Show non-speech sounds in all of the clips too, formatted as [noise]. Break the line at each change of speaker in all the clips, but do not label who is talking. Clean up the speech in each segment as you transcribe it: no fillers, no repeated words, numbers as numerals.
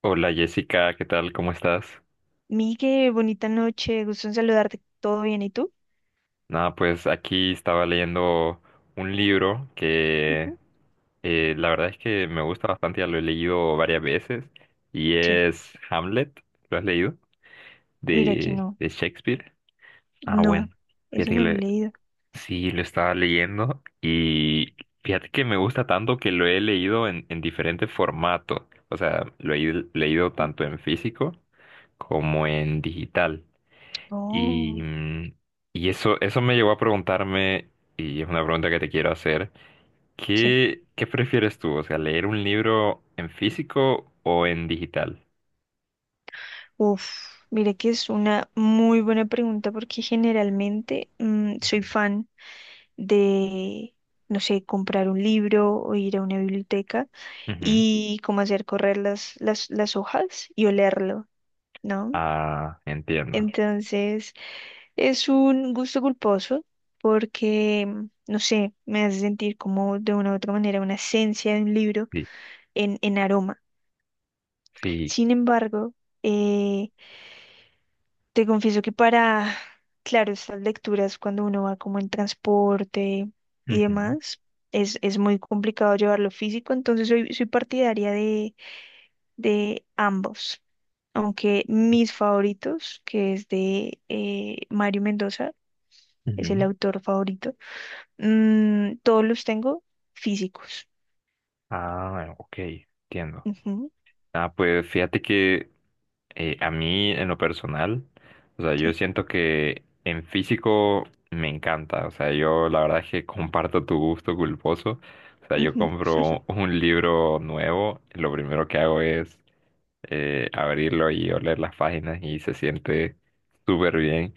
Hola Jessica, ¿qué tal? ¿Cómo estás?
Migue, bonita noche, gusto en saludarte. ¿Todo bien? ¿Y tú?
Nada, pues aquí estaba leyendo un libro que
Ujú.
la verdad es que me gusta bastante, ya lo he leído varias veces, y
Sí,
es Hamlet, ¿lo has leído?
mira que
De,
no.
de Shakespeare. Ah, bueno,
No, ese
fíjate que
no
lo
lo he
he-
leído.
sí, lo estaba leyendo y fíjate que me gusta tanto que lo he leído en diferentes formatos, o sea, lo he leído tanto en físico como en digital. Y,
Oh,
y eso, eso me llevó a preguntarme, y es una pregunta que te quiero hacer,
sí.
¿qué, qué prefieres tú? O sea, ¿leer un libro en físico o en digital?
Uf, mira que es una muy buena pregunta porque generalmente soy fan de, no sé, comprar un libro o ir a una biblioteca
Ujú.
y como hacer correr las hojas y olerlo, ¿no?
Ah, entiendo.
Entonces, es un gusto culposo porque, no sé, me hace sentir como de una u otra manera una esencia de un libro
Sí,
en aroma.
sí.
Sin embargo, eh, te confieso que para, [sighs] claro, estas lecturas cuando uno va como en transporte y
Ujú,
demás, es muy complicado llevarlo físico, entonces soy partidaria de ambos. Aunque mis favoritos, que es de Mario Mendoza, es el
ujú.
autor favorito. Todos los tengo físicos.
Ah, ok, entiendo.
Ujú,
Ah, pues fíjate que a mí, en lo personal, o sea, yo
sí,
siento que en físico me encanta. O sea, yo la verdad es que comparto tu gusto culposo. O sea, yo
ujú,
compro un libro nuevo, lo primero que hago es abrirlo y oler las páginas y se siente súper bien.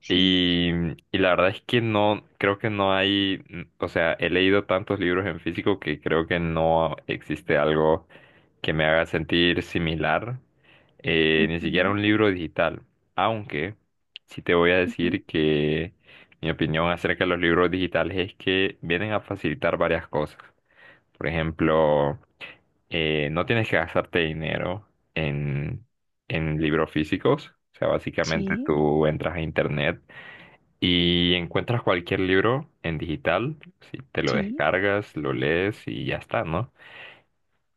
sí,
Y, y la verdad es que no, creo que no hay, o sea, he leído tantos libros en físico que creo que no existe algo que me haga sentir similar, ni siquiera
ujú,
un libro digital. Aunque sí te voy a
ujú,
decir que mi opinión acerca de los libros digitales es que vienen a facilitar varias cosas. Por ejemplo, no tienes que gastarte dinero en, en libros físicos. O sea, básicamente
sí,
tú entras a internet y encuentras cualquier libro en digital. Si te lo
sí,
descargas, lo lees y ya está, ¿no?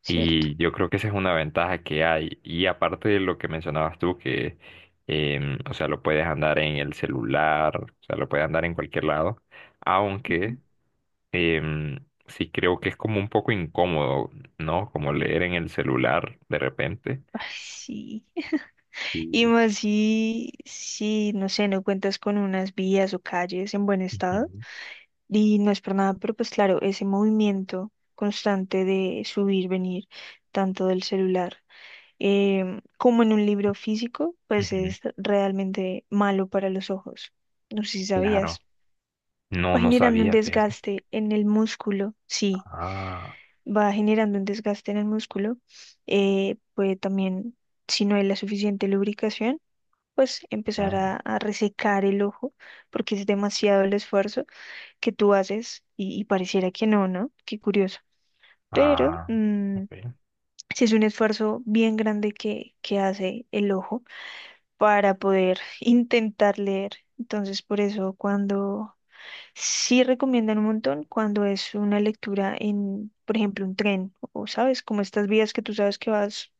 cierto.
Y yo creo que esa es una ventaja que hay. Y aparte de lo que mencionabas tú, que, o sea, lo puedes andar en el celular, o sea, lo puedes andar en cualquier lado.
Ujú.
Aunque sí creo que es como un poco incómodo, ¿no? Como leer en el celular de repente.
Ay, sí. [laughs] Y
Sí.
más si, no sé, no cuentas con unas vías o calles en buen estado.
Ujú,
Y no es por nada, pero pues claro, ese movimiento constante de subir, venir, tanto del celular como en un libro físico, pues
ujú.
es realmente malo para los ojos. No sé si
Claro.
sabías.
No,
Va
no
generando un
sabía, fíjate.
desgaste en el músculo, sí,
Ah,
va generando un desgaste en el músculo, puede también, si no hay la suficiente lubricación, pues empezar
ah,
a resecar el ojo, porque es demasiado el esfuerzo que tú haces y pareciera que no, ¿no? Qué curioso. Pero
ah, ok,
sí es un esfuerzo bien grande que hace el ojo para poder [laughs] intentar leer. Entonces, por eso cuando sí recomiendan un montón cuando es una lectura en, por ejemplo, un tren o, ¿sabes? Como estas vías que tú sabes que vas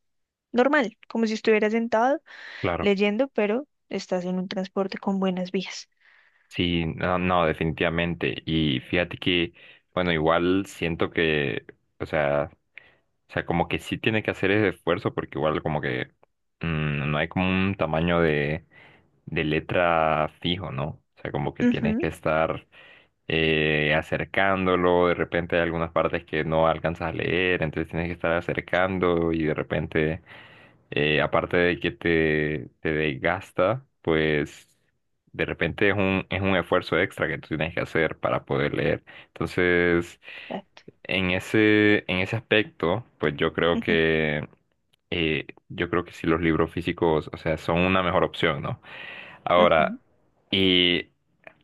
normal, como si estuvieras sentado
claro.
leyendo, pero estás en un transporte con buenas vías.
Sí, no, no, definitivamente. Y fíjate que, bueno, igual siento que, o sea, o sea, como que sí tiene que hacer ese esfuerzo porque igual como que no hay como un tamaño de letra fijo, ¿no? O sea, como que tienes que
Ujú,
estar acercándolo, de repente hay algunas partes que no alcanzas a leer, entonces tienes que estar acercando y de repente, aparte de que te desgasta, pues de repente es un esfuerzo extra que tú tienes que hacer para poder leer. Entonces,
exacto.
en ese aspecto, pues
Ujú,
yo creo que sí los libros físicos, o sea, son una mejor opción, ¿no? Ahora,
ujú.
y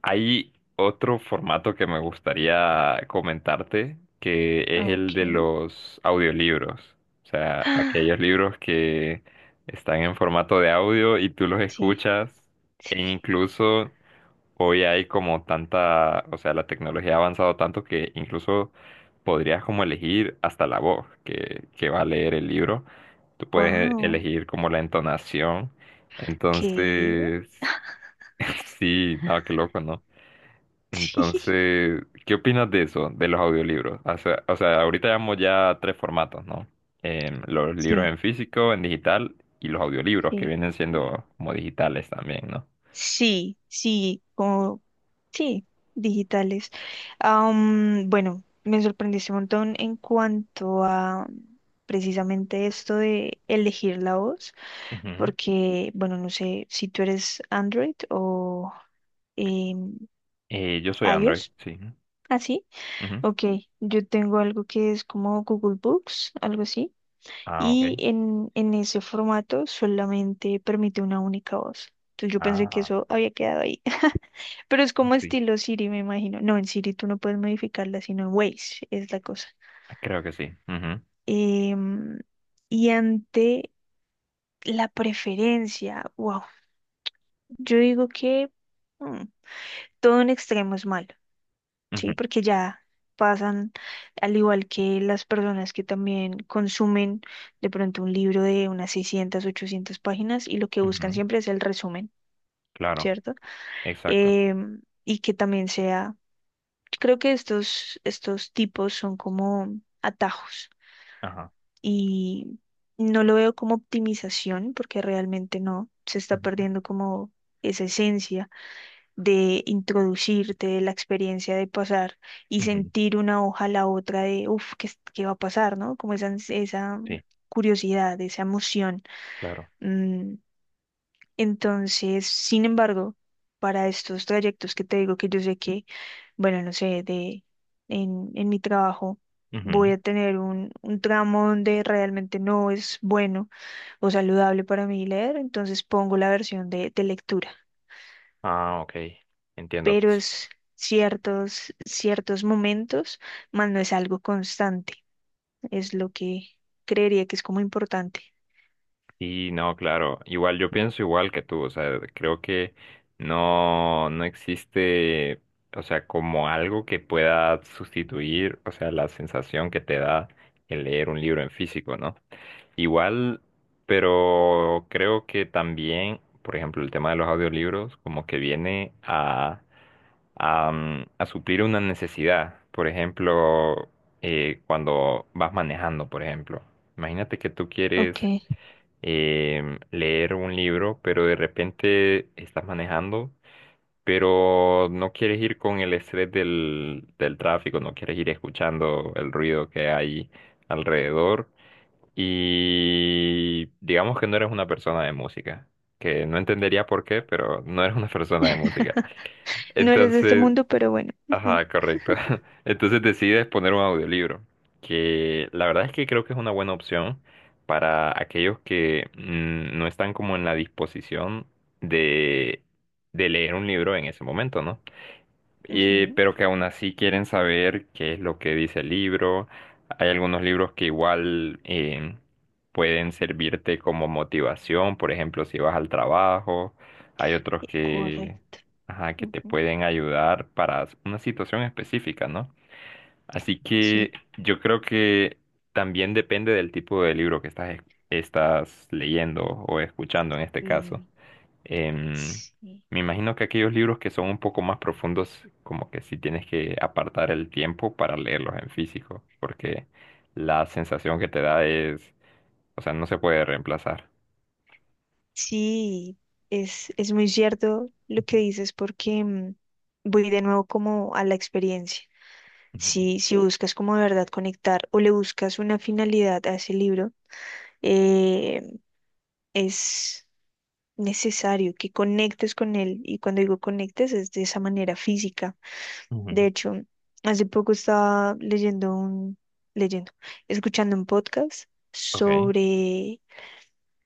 hay otro formato que me gustaría comentarte, que es
Ah, ok.
el de los audiolibros. O sea,
Ah,
aquellos libros que están en formato de audio y tú los
sí,
escuchas e
sí.
incluso hoy hay como tanta, o sea, la tecnología ha avanzado tanto que incluso podrías como elegir hasta la voz que va a leer el libro. Tú puedes
Wow.
elegir como la entonación.
¿Qué?
Entonces, [laughs] sí, no, qué loco, ¿no?
[laughs]
Entonces, ¿qué opinas de eso, de los audiolibros? O sea, ahorita llevamos ya tres formatos, ¿no? Los
Sí,
libros
sí,
en físico, en digital y los audiolibros que
sí.
vienen siendo como digitales también, ¿no?
Sí, sí, como sí, digitales. Bueno, me sorprendiste un montón en cuanto a precisamente esto de elegir la voz,
Ujú.
porque, bueno, no sé si tú eres Android o em,
Yo soy Android,
iOS,
sí.
así.
Ujú.
Ok, yo tengo algo que es como Google Books, algo así,
Ah,
y
ok.
en ese formato solamente permite una única voz. Entonces yo pensé que
Ah,
eso había quedado ahí. [laughs] Pero es como
sí.
estilo Siri, me imagino. No, en Siri tú no puedes modificarla, sino en Waze es la cosa.
Creo que sí. Ujú,
Em, y ante la preferencia, wow, yo digo que mm, todo en extremo es malo,
ujú,
¿sí? Porque ya pasan, al igual que las personas que también consumen de pronto un libro de unas 600 800 páginas y lo que buscan
ujú.
siempre es el resumen,
Claro,
¿cierto?
exacto.
Y que también sea creo que estos tipos son como atajos
Ajá.
y no lo veo como optimización porque realmente no, se está
Ujú,
perdiendo como esa esencia de introducirte, de la experiencia de pasar y
ujú.
sentir una hoja a la otra de, uff, ¿qué, qué va a pasar? ¿No? Como esa, esa
Sí,
curiosidad, esa emoción.
claro.
mm, entonces, sin embargo, para estos trayectos que te digo que yo sé que, bueno, no sé, de en mi trabajo voy
Ujú.
a tener un tramo donde realmente no es bueno o saludable para mí leer, entonces pongo la versión de lectura.
Ah, ok. Entiendo.
Pero es ciertos momentos, más no es algo constante, es lo que creería que es como importante.
Sí, no, claro. Igual yo pienso igual que tú. O sea, creo que no, no existe, o sea, como algo que pueda sustituir, o sea, la sensación que te da el leer un libro en físico, ¿no? Igual, pero creo que también, por ejemplo, el tema de los audiolibros como que viene a, a suplir una necesidad. Por ejemplo, cuando vas manejando, por ejemplo. Imagínate que tú
Ok.
quieres leer un libro, pero de repente estás manejando, pero no quieres ir con el estrés del, del tráfico, no quieres ir escuchando el ruido que hay alrededor. Y digamos que no eres una persona de música, que no entendería por qué, pero no eres una [laughs] persona de música.
[laughs] No eres de este
Entonces,
mundo, pero bueno. [laughs] Ujú,
ajá, correcto. [laughs] Entonces decides poner un audiolibro, que la verdad es que creo que es una buena opción para aquellos que no están como en la disposición de, de leer un libro en ese momento, ¿no? Y-
ujú,
pero que aún así quieren saber qué es lo que dice el libro. Hay algunos libros que igual pueden servirte como motivación, por ejemplo, si vas al trabajo. Hay otros que,
correcto.
ajá, que te
Ujú,
pueden ayudar para una situación específica, ¿no? Así
sí,
que yo creo que también depende del tipo de libro que estás, estás leyendo o escuchando en este caso.
y
Em,
sí,
Me imagino que aquellos libros que son un poco más profundos, como que sí tienes que apartar el tiempo para leerlos en físico, porque la sensación que te da es, o sea, no se puede reemplazar.
sí, es muy cierto lo que dices porque voy de nuevo como a la experiencia.
Ujú,
Si buscas como de verdad conectar o le buscas una finalidad a ese libro, eh, es necesario que conectes con él. Y cuando digo conectes es de esa manera física.
ujú,
De hecho, hace poco estaba leyendo, escuchando un podcast
ok.
sobre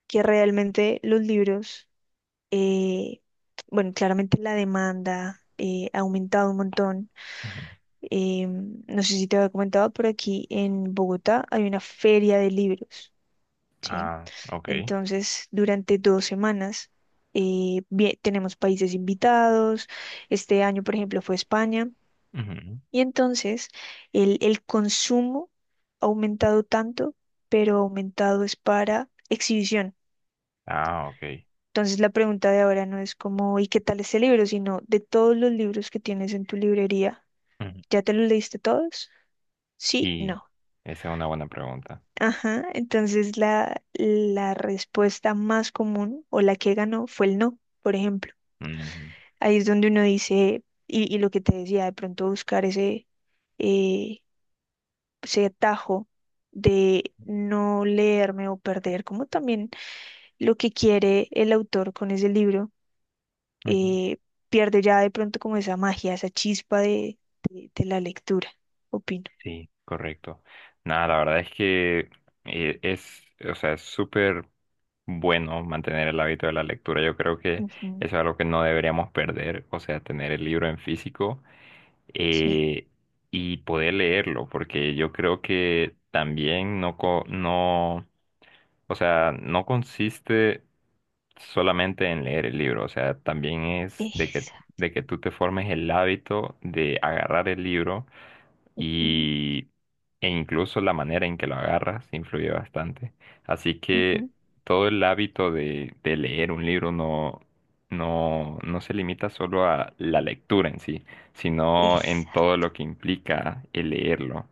que realmente los libros, eh, bueno, claramente la demanda ha aumentado un montón.
Ujú.
No sé si te había comentado, pero aquí en Bogotá hay una feria de libros, ¿sí?
Ah, ok.
Entonces, durante 2 semanas tenemos países invitados. Este año, por ejemplo, fue España.
Ujú.
Y entonces, el consumo ha aumentado tanto, pero aumentado es para exhibición.
Ah, ok.
Entonces la pregunta de ahora no es como, ¿y qué tal este libro?, sino de todos los libros que tienes en tu librería,
Ujú,
¿ya te los leíste todos? Sí,
y
no.
esa es una buena pregunta.
Ajá, entonces la respuesta más común o la que ganó fue el no, por ejemplo.
Ujú,
Ahí es donde uno dice, y lo que te decía, de pronto buscar eh, ese atajo de no leerme o perder, como también lo que quiere el autor con ese libro
ujú.
eh, pierde ya de pronto como esa magia, esa chispa de la lectura, opino.
Sí, correcto. Nada, la verdad es que es, o sea, es súper bueno mantener el hábito de la lectura. Yo creo que eso
Ujú,
es algo que no deberíamos perder, o sea, tener el libro en físico
sí,
eh, y poder leerlo, porque yo creo que también no, no, o sea, no consiste solamente en leer el libro, o sea, también es
esa,
de que tú te formes el hábito de agarrar el libro
ujú,
y e incluso la manera en que lo agarras influye bastante. Así que
ujú,
todo el hábito de leer un libro no, no, no se limita solo a la lectura en sí, sino en
esa,
todo lo que implica el leerlo.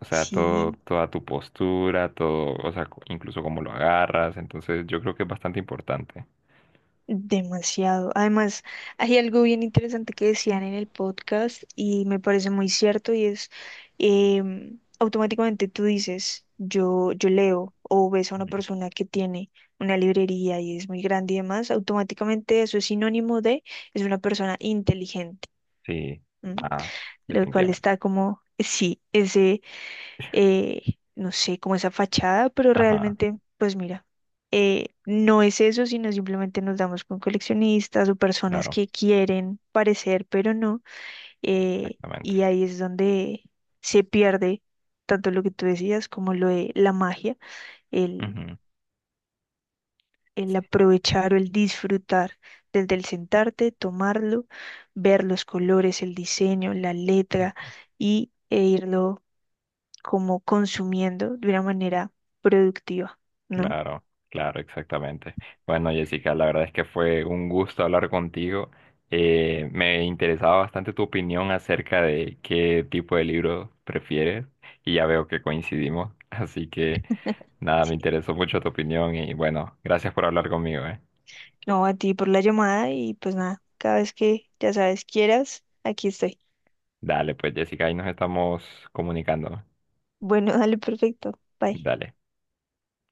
O sea, todo,
sí,
toda tu postura, todo, o sea, incluso cómo lo agarras. Entonces, yo creo que es bastante importante.
demasiado. Además, hay algo bien interesante que decían en el podcast y me parece muy cierto y es, automáticamente tú dices, yo leo o ves a una persona que tiene una librería y es muy grande y demás, automáticamente eso es sinónimo de es una persona inteligente,
Sí,
¿m?
ah,
Lo cual
definitivamente.
está como, sí, ese, eh, no sé, como esa fachada, pero
Ajá,
realmente, pues mira, no es eso, sino simplemente nos damos con coleccionistas o personas
claro,
que quieren parecer, pero no, eh,
exactamente.
y ahí es donde se pierde tanto lo que tú decías como lo de la magia, el,
Ujú.
el aprovechar o el disfrutar desde el sentarte, tomarlo, ver los colores, el diseño, la letra y e irlo como consumiendo de una manera productiva, ¿no?
Claro, claro, exactamente. Bueno, Jessica, la verdad es que fue un gusto hablar contigo. Me interesaba bastante tu opinión acerca de qué tipo de libro prefieres y ya veo que coincidimos. [laughs] Así que nada, me
Sí.
interesó mucho tu opinión y bueno, gracias por hablar conmigo, ¿eh?
No, a ti por la llamada y pues nada, cada vez que ya sabes quieras, aquí estoy.
Dale, pues Jessica, ahí nos estamos comunicando.
Bueno, [laughs] dale, perfecto. Bye.
Dale.